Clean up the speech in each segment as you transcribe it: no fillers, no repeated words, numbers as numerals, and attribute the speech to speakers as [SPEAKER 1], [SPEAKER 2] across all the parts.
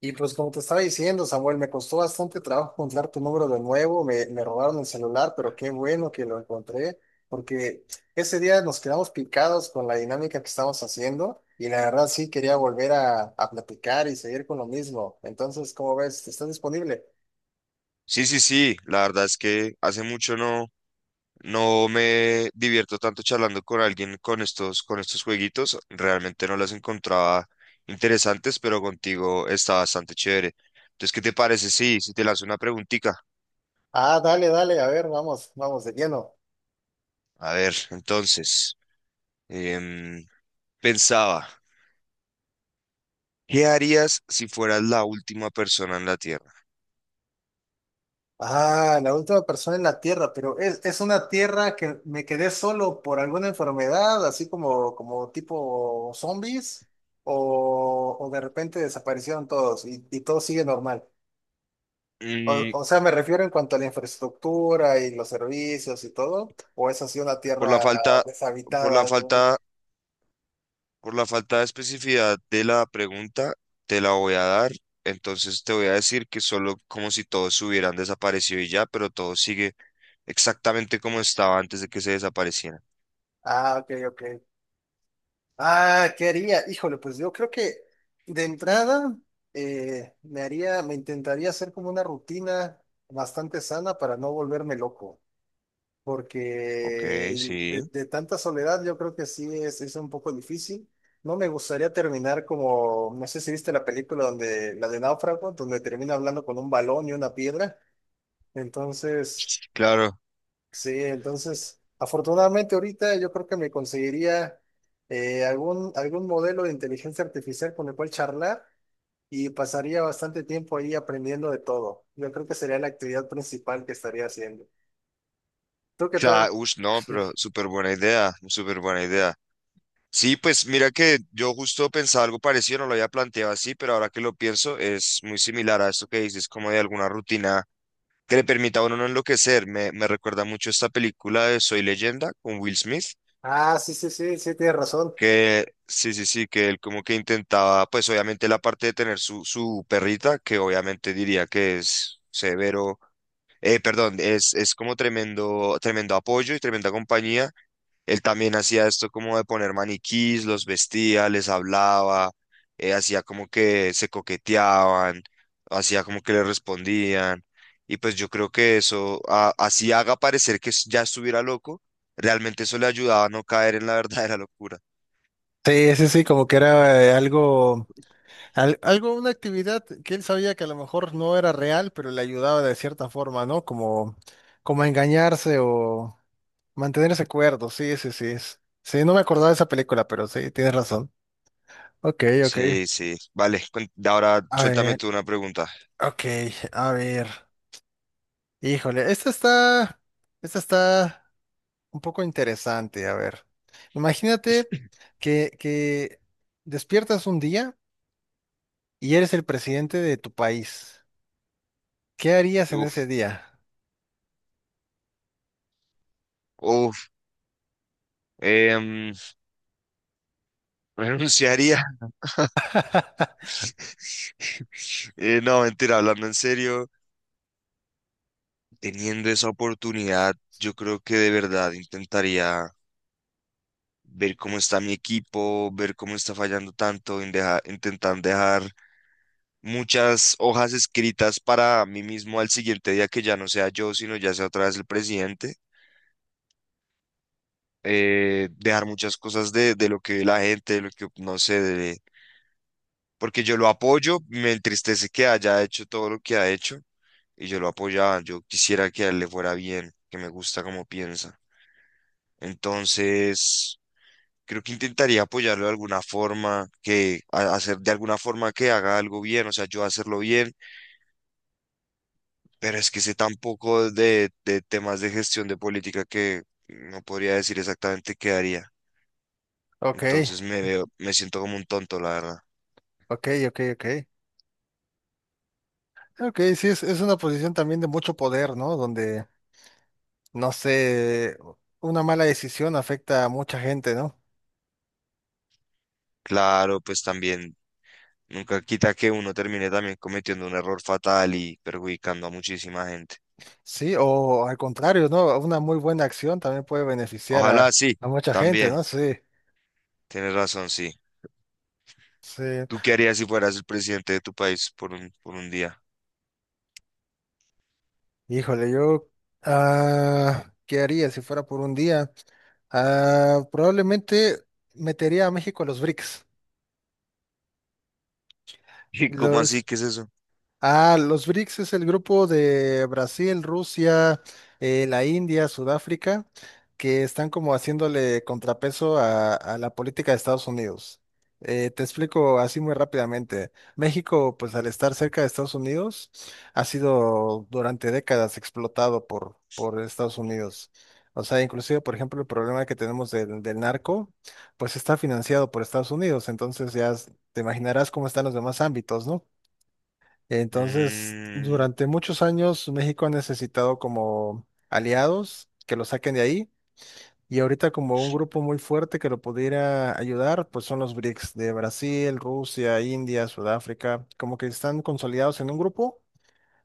[SPEAKER 1] Y pues como te estaba diciendo, Samuel, me costó bastante trabajo encontrar tu número de nuevo, me robaron el celular, pero qué bueno que lo encontré, porque ese día nos quedamos picados con la dinámica que estamos haciendo y la verdad sí quería volver a platicar y seguir con lo mismo. Entonces, ¿cómo ves? ¿Estás disponible?
[SPEAKER 2] Sí, sí, sí, la verdad es que hace mucho no me divierto tanto charlando con alguien con estos jueguitos. Realmente no las encontraba interesantes, pero contigo está bastante chévere. Entonces, ¿qué te parece? Sí, si te lanzo una preguntita.
[SPEAKER 1] Ah, dale, dale, a ver, vamos, vamos de lleno.
[SPEAKER 2] A ver, entonces, em, pensaba, ¿qué harías si fueras la última persona en la Tierra?
[SPEAKER 1] Ah, la última persona en la Tierra, pero es una Tierra que me quedé solo por alguna enfermedad, así como, como tipo zombies, o de repente desaparecieron todos y todo sigue normal.
[SPEAKER 2] Mm,
[SPEAKER 1] O sea, me refiero en cuanto a la infraestructura y los servicios y todo, o es así una
[SPEAKER 2] por la
[SPEAKER 1] Tierra
[SPEAKER 2] falta, por la
[SPEAKER 1] deshabitada, ¿no?
[SPEAKER 2] falta Por la falta de especificidad de la pregunta, te la voy a dar. Entonces te voy a decir que solo como si todos hubieran desaparecido y ya, pero todo sigue exactamente como estaba antes de que se desaparecieran.
[SPEAKER 1] Ah, ok, ok. Ah, ¿qué haría? Híjole, pues yo creo que de entrada me haría, me intentaría hacer como una rutina bastante sana para no volverme loco, porque
[SPEAKER 2] Ok,
[SPEAKER 1] de,
[SPEAKER 2] sí.
[SPEAKER 1] de tanta soledad yo creo que sí es un poco difícil. No me gustaría terminar como, no sé si viste la película donde, la de Náufrago, donde termina hablando con un balón y una piedra. Entonces,
[SPEAKER 2] Claro.
[SPEAKER 1] sí, entonces, afortunadamente ahorita yo creo que me conseguiría algún, algún modelo de inteligencia artificial con el cual charlar y pasaría bastante tiempo ahí aprendiendo de todo. Yo creo que sería la actividad principal que estaría haciendo. ¿Tú qué tal?
[SPEAKER 2] Claro, ush, no, pero súper buena idea, súper buena idea. Sí, pues mira que yo justo pensaba algo parecido, no lo había planteado así, pero ahora que lo pienso es muy similar a esto que dices, como de alguna rutina que le permita a uno no enloquecer. Me recuerda mucho esta película de Soy Leyenda con Will Smith,
[SPEAKER 1] Ah, sí, sí, sí, sí, tienes razón.
[SPEAKER 2] que sí, sí, sí, que él como que intentaba, pues obviamente la parte de tener su perrita, que obviamente diría que es severo, perdón, es como tremendo, tremendo apoyo y tremenda compañía. Él también hacía esto como de poner maniquís, los vestía, les hablaba, hacía como que se coqueteaban, hacía como que le respondían. Y pues yo creo que eso, así haga parecer que ya estuviera loco, realmente eso le ayudaba a no caer en la verdadera locura.
[SPEAKER 1] Sí, sí, sí, como que era algo. Al- algo, una actividad que él sabía que a lo mejor no era real, pero le ayudaba de cierta forma, ¿no? Como, como a engañarse o mantener ese acuerdo. Sí, sí, sí. es- Sí, no me acordaba de esa película, pero sí, tienes razón. Ok, ok.
[SPEAKER 2] Sí, sí. Vale, ahora
[SPEAKER 1] A
[SPEAKER 2] suéltame
[SPEAKER 1] ver,
[SPEAKER 2] tú una pregunta.
[SPEAKER 1] ok, a ver. Híjole, esta está un poco interesante. A ver, imagínate que despiertas un día y eres el presidente de tu país. ¿Qué harías en
[SPEAKER 2] Uf,
[SPEAKER 1] ese día?
[SPEAKER 2] uf, em, renunciaría. No, mentira, hablando en serio. Teniendo esa oportunidad, yo creo que de verdad intentaría ver cómo está mi equipo, ver cómo está fallando tanto, en intentar dejar muchas hojas escritas para mí mismo al siguiente día que ya no sea yo, sino ya sea otra vez el presidente. Dejar muchas cosas de lo que ve la gente, de lo que no sé, de- porque yo lo apoyo, me entristece que haya hecho todo lo que ha hecho y yo lo apoyaba, yo quisiera que a él le fuera bien, que me gusta como piensa. Entonces... Creo que intentaría apoyarlo de alguna forma, que hacer de alguna forma que haga algo bien, o sea, yo hacerlo bien, pero es que sé tan poco de temas de gestión de política que no podría decir exactamente qué haría.
[SPEAKER 1] Ok,
[SPEAKER 2] Entonces me veo, me siento como un tonto, la verdad.
[SPEAKER 1] ok, ok, ok. Ok, sí, es una posición también de mucho poder, ¿no? Donde, no sé, una mala decisión afecta a mucha gente, ¿no?
[SPEAKER 2] Claro, pues también nunca quita que uno termine también cometiendo un error fatal y perjudicando a muchísima gente.
[SPEAKER 1] Sí, o al contrario, ¿no? Una muy buena acción también puede beneficiar
[SPEAKER 2] Ojalá sí,
[SPEAKER 1] a mucha gente,
[SPEAKER 2] también,
[SPEAKER 1] ¿no? Sí,
[SPEAKER 2] tienes razón, sí.
[SPEAKER 1] sí.
[SPEAKER 2] ¿Tú qué harías si fueras el presidente de tu país por un día?
[SPEAKER 1] Híjole, yo, ah, ¿qué haría si fuera por un día? Ah, probablemente metería a México a los BRICS.
[SPEAKER 2] ¿Y cómo así? ¿Qué es eso?
[SPEAKER 1] Ah, los BRICS es el grupo de Brasil, Rusia, la India, Sudáfrica, que están como haciéndole contrapeso a la política de Estados Unidos. Te explico así muy rápidamente. México, pues al estar cerca de Estados Unidos, ha sido durante décadas explotado por Estados Unidos. O sea, inclusive, por ejemplo, el problema que tenemos del narco, pues está financiado por Estados Unidos. Entonces ya te imaginarás cómo están los demás ámbitos, ¿no? Entonces,
[SPEAKER 2] Mm,
[SPEAKER 1] durante muchos años México ha necesitado como aliados que lo saquen de ahí y ahorita como un grupo muy fuerte que lo pudiera ayudar, pues son los BRICS de Brasil, Rusia, India, Sudáfrica, como que están consolidados en un grupo.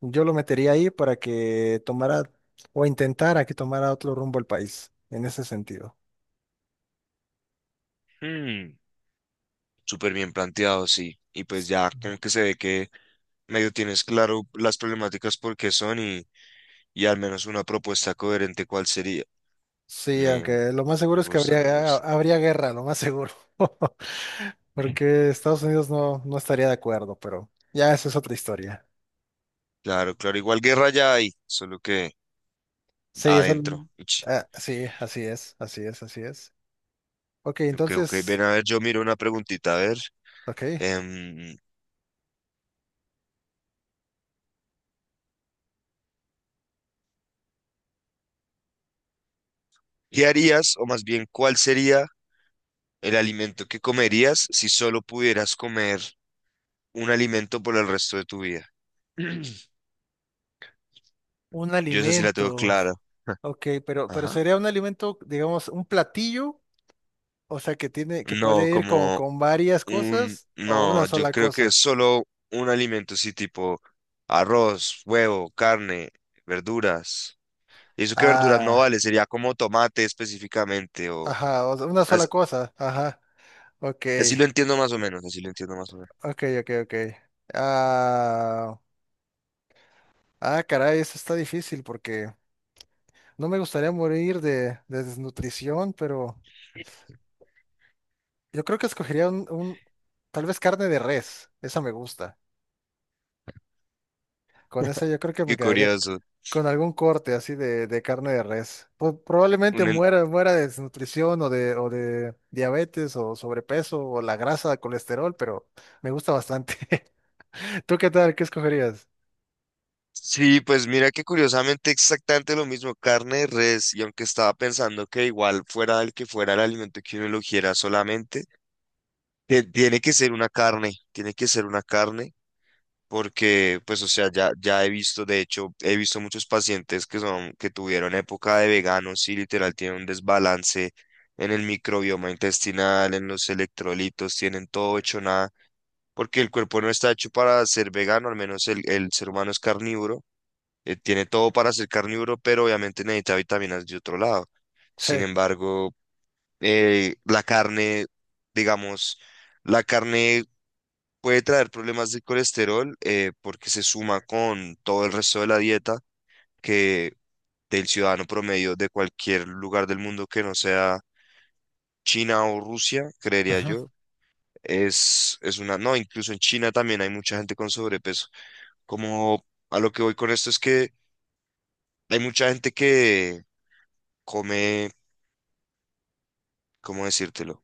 [SPEAKER 1] Yo lo metería ahí para que tomara o intentara que tomara otro rumbo el país en ese sentido.
[SPEAKER 2] hmm, súper bien planteado, sí. Y pues ya como que se ve que medio tienes claro las problemáticas por qué son y al menos una propuesta coherente cuál sería.
[SPEAKER 1] Sí,
[SPEAKER 2] Me,
[SPEAKER 1] aunque lo más seguro
[SPEAKER 2] me
[SPEAKER 1] es que
[SPEAKER 2] gusta, me
[SPEAKER 1] habría,
[SPEAKER 2] gusta.
[SPEAKER 1] habría guerra, lo más seguro. Porque Estados Unidos no, no estaría de acuerdo, pero ya esa es otra historia.
[SPEAKER 2] Claro, claro, igual guerra ya hay, solo que
[SPEAKER 1] Sí, eso,
[SPEAKER 2] adentro. Uch,
[SPEAKER 1] ah, sí, así es, así es, así es. Ok,
[SPEAKER 2] ok, ok,
[SPEAKER 1] entonces,
[SPEAKER 2] ven a ver, yo miro una preguntita, a ver.
[SPEAKER 1] ok,
[SPEAKER 2] em, ¿Qué harías, o más bien, cuál sería el alimento que comerías si solo pudieras comer un alimento por el resto de tu vida?
[SPEAKER 1] un
[SPEAKER 2] Yo esa sí la tengo
[SPEAKER 1] alimento.
[SPEAKER 2] clara.
[SPEAKER 1] Ok, pero
[SPEAKER 2] Ajá.
[SPEAKER 1] sería un alimento, digamos, un platillo, o sea, que tiene, que
[SPEAKER 2] No,
[SPEAKER 1] puede ir
[SPEAKER 2] como
[SPEAKER 1] con varias
[SPEAKER 2] un...
[SPEAKER 1] cosas o una
[SPEAKER 2] No, yo
[SPEAKER 1] sola
[SPEAKER 2] creo que
[SPEAKER 1] cosa.
[SPEAKER 2] solo un alimento, sí, tipo arroz, huevo, carne, verduras. Y eso que verduras no
[SPEAKER 1] Ah,
[SPEAKER 2] vale, sería como tomate específicamente o...
[SPEAKER 1] ajá, o sea, una sola
[SPEAKER 2] as-
[SPEAKER 1] cosa, ajá, ok.
[SPEAKER 2] Así, lo entiendo más o menos, así lo entiendo más o menos.
[SPEAKER 1] Ok, ok, ok. Ah, ah, caray, eso está difícil porque no me gustaría morir de desnutrición, pero yo creo que escogería un- tal vez carne de res, esa me gusta. Con esa yo creo que me
[SPEAKER 2] Qué
[SPEAKER 1] quedaría
[SPEAKER 2] curioso.
[SPEAKER 1] con algún corte así de carne de res. Po- probablemente
[SPEAKER 2] Un en-
[SPEAKER 1] muera, muera de desnutrición o de diabetes o sobrepeso o la grasa, colesterol, pero me gusta bastante. ¿Tú qué tal? ¿Qué escogerías?
[SPEAKER 2] Sí, pues mira que curiosamente exactamente lo mismo, carne de res, y aunque estaba pensando que igual fuera el que fuera el alimento que uno eligiera solamente. Tiene que ser una carne, tiene que ser una carne, porque, pues, o sea, ya, ya he visto, de hecho, he visto muchos pacientes que son, que tuvieron época de veganos y literal tienen un desbalance en el microbioma intestinal, en los electrolitos, tienen todo hecho nada, porque el cuerpo no está hecho para ser vegano, al menos el ser humano es carnívoro, tiene todo para ser carnívoro, pero obviamente necesita vitaminas de otro lado. Sin
[SPEAKER 1] Sí.
[SPEAKER 2] embargo, la carne, digamos, la carne puede traer problemas de colesterol, porque se suma con todo el resto de la dieta que del ciudadano promedio de cualquier lugar del mundo que no sea China o Rusia, creería
[SPEAKER 1] Ajá.
[SPEAKER 2] yo. Es una, no, incluso en China también hay mucha gente con sobrepeso. Como a lo que voy con esto es que hay mucha gente que come, ¿cómo decírtelo?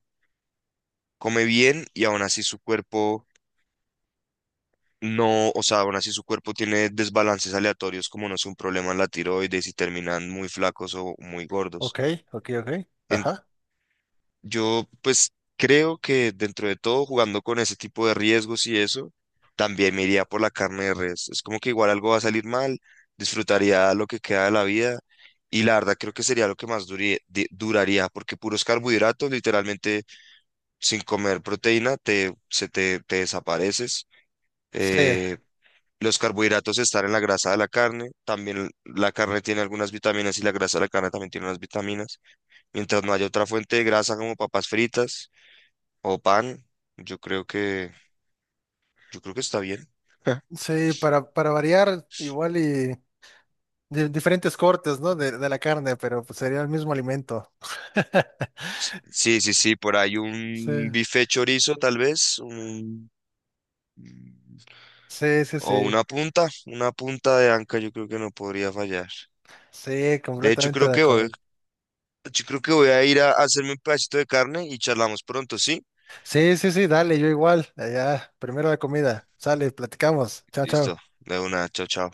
[SPEAKER 2] Come bien y aún así su cuerpo. No, o sea, aún así su cuerpo tiene desbalances aleatorios, como no es un problema en la tiroides y terminan muy flacos o muy
[SPEAKER 1] Ok,
[SPEAKER 2] gordos.
[SPEAKER 1] ok, ok.
[SPEAKER 2] En-
[SPEAKER 1] Ajá.
[SPEAKER 2] yo, pues, creo que dentro de todo, jugando con ese tipo de riesgos y eso, también me iría por la carne de res. Es como que igual algo va a salir mal, disfrutaría lo que queda de la vida y la verdad creo que sería lo que más duraría, porque puros carbohidratos, literalmente, sin comer proteína, te desapareces.
[SPEAKER 1] Sí,
[SPEAKER 2] Eh, Los carbohidratos están en la grasa de la carne, también la carne tiene algunas vitaminas y la grasa de la carne también tiene unas vitaminas. Mientras no haya otra fuente de grasa como papas fritas o pan, yo creo que, yo creo que está bien. Ja.
[SPEAKER 1] sí, para variar, igual y de diferentes cortes, ¿no? De la carne, pero pues sería el mismo alimento.
[SPEAKER 2] Sí, sí, sí, por ahí
[SPEAKER 1] Sí,
[SPEAKER 2] un bife chorizo tal vez, un-
[SPEAKER 1] sí, sí,
[SPEAKER 2] o
[SPEAKER 1] sí.
[SPEAKER 2] una punta de anca yo creo que no podría fallar.
[SPEAKER 1] Sí,
[SPEAKER 2] De hecho,
[SPEAKER 1] completamente
[SPEAKER 2] creo
[SPEAKER 1] de
[SPEAKER 2] que voy,
[SPEAKER 1] acuerdo.
[SPEAKER 2] yo creo que voy a ir a hacerme un pedacito de carne y charlamos pronto, ¿sí?
[SPEAKER 1] Sí, sí, sí, dale, yo igual. Allá, primero la comida. Sale, platicamos. Chao,
[SPEAKER 2] Listo,
[SPEAKER 1] chao.
[SPEAKER 2] de una, chao, chao.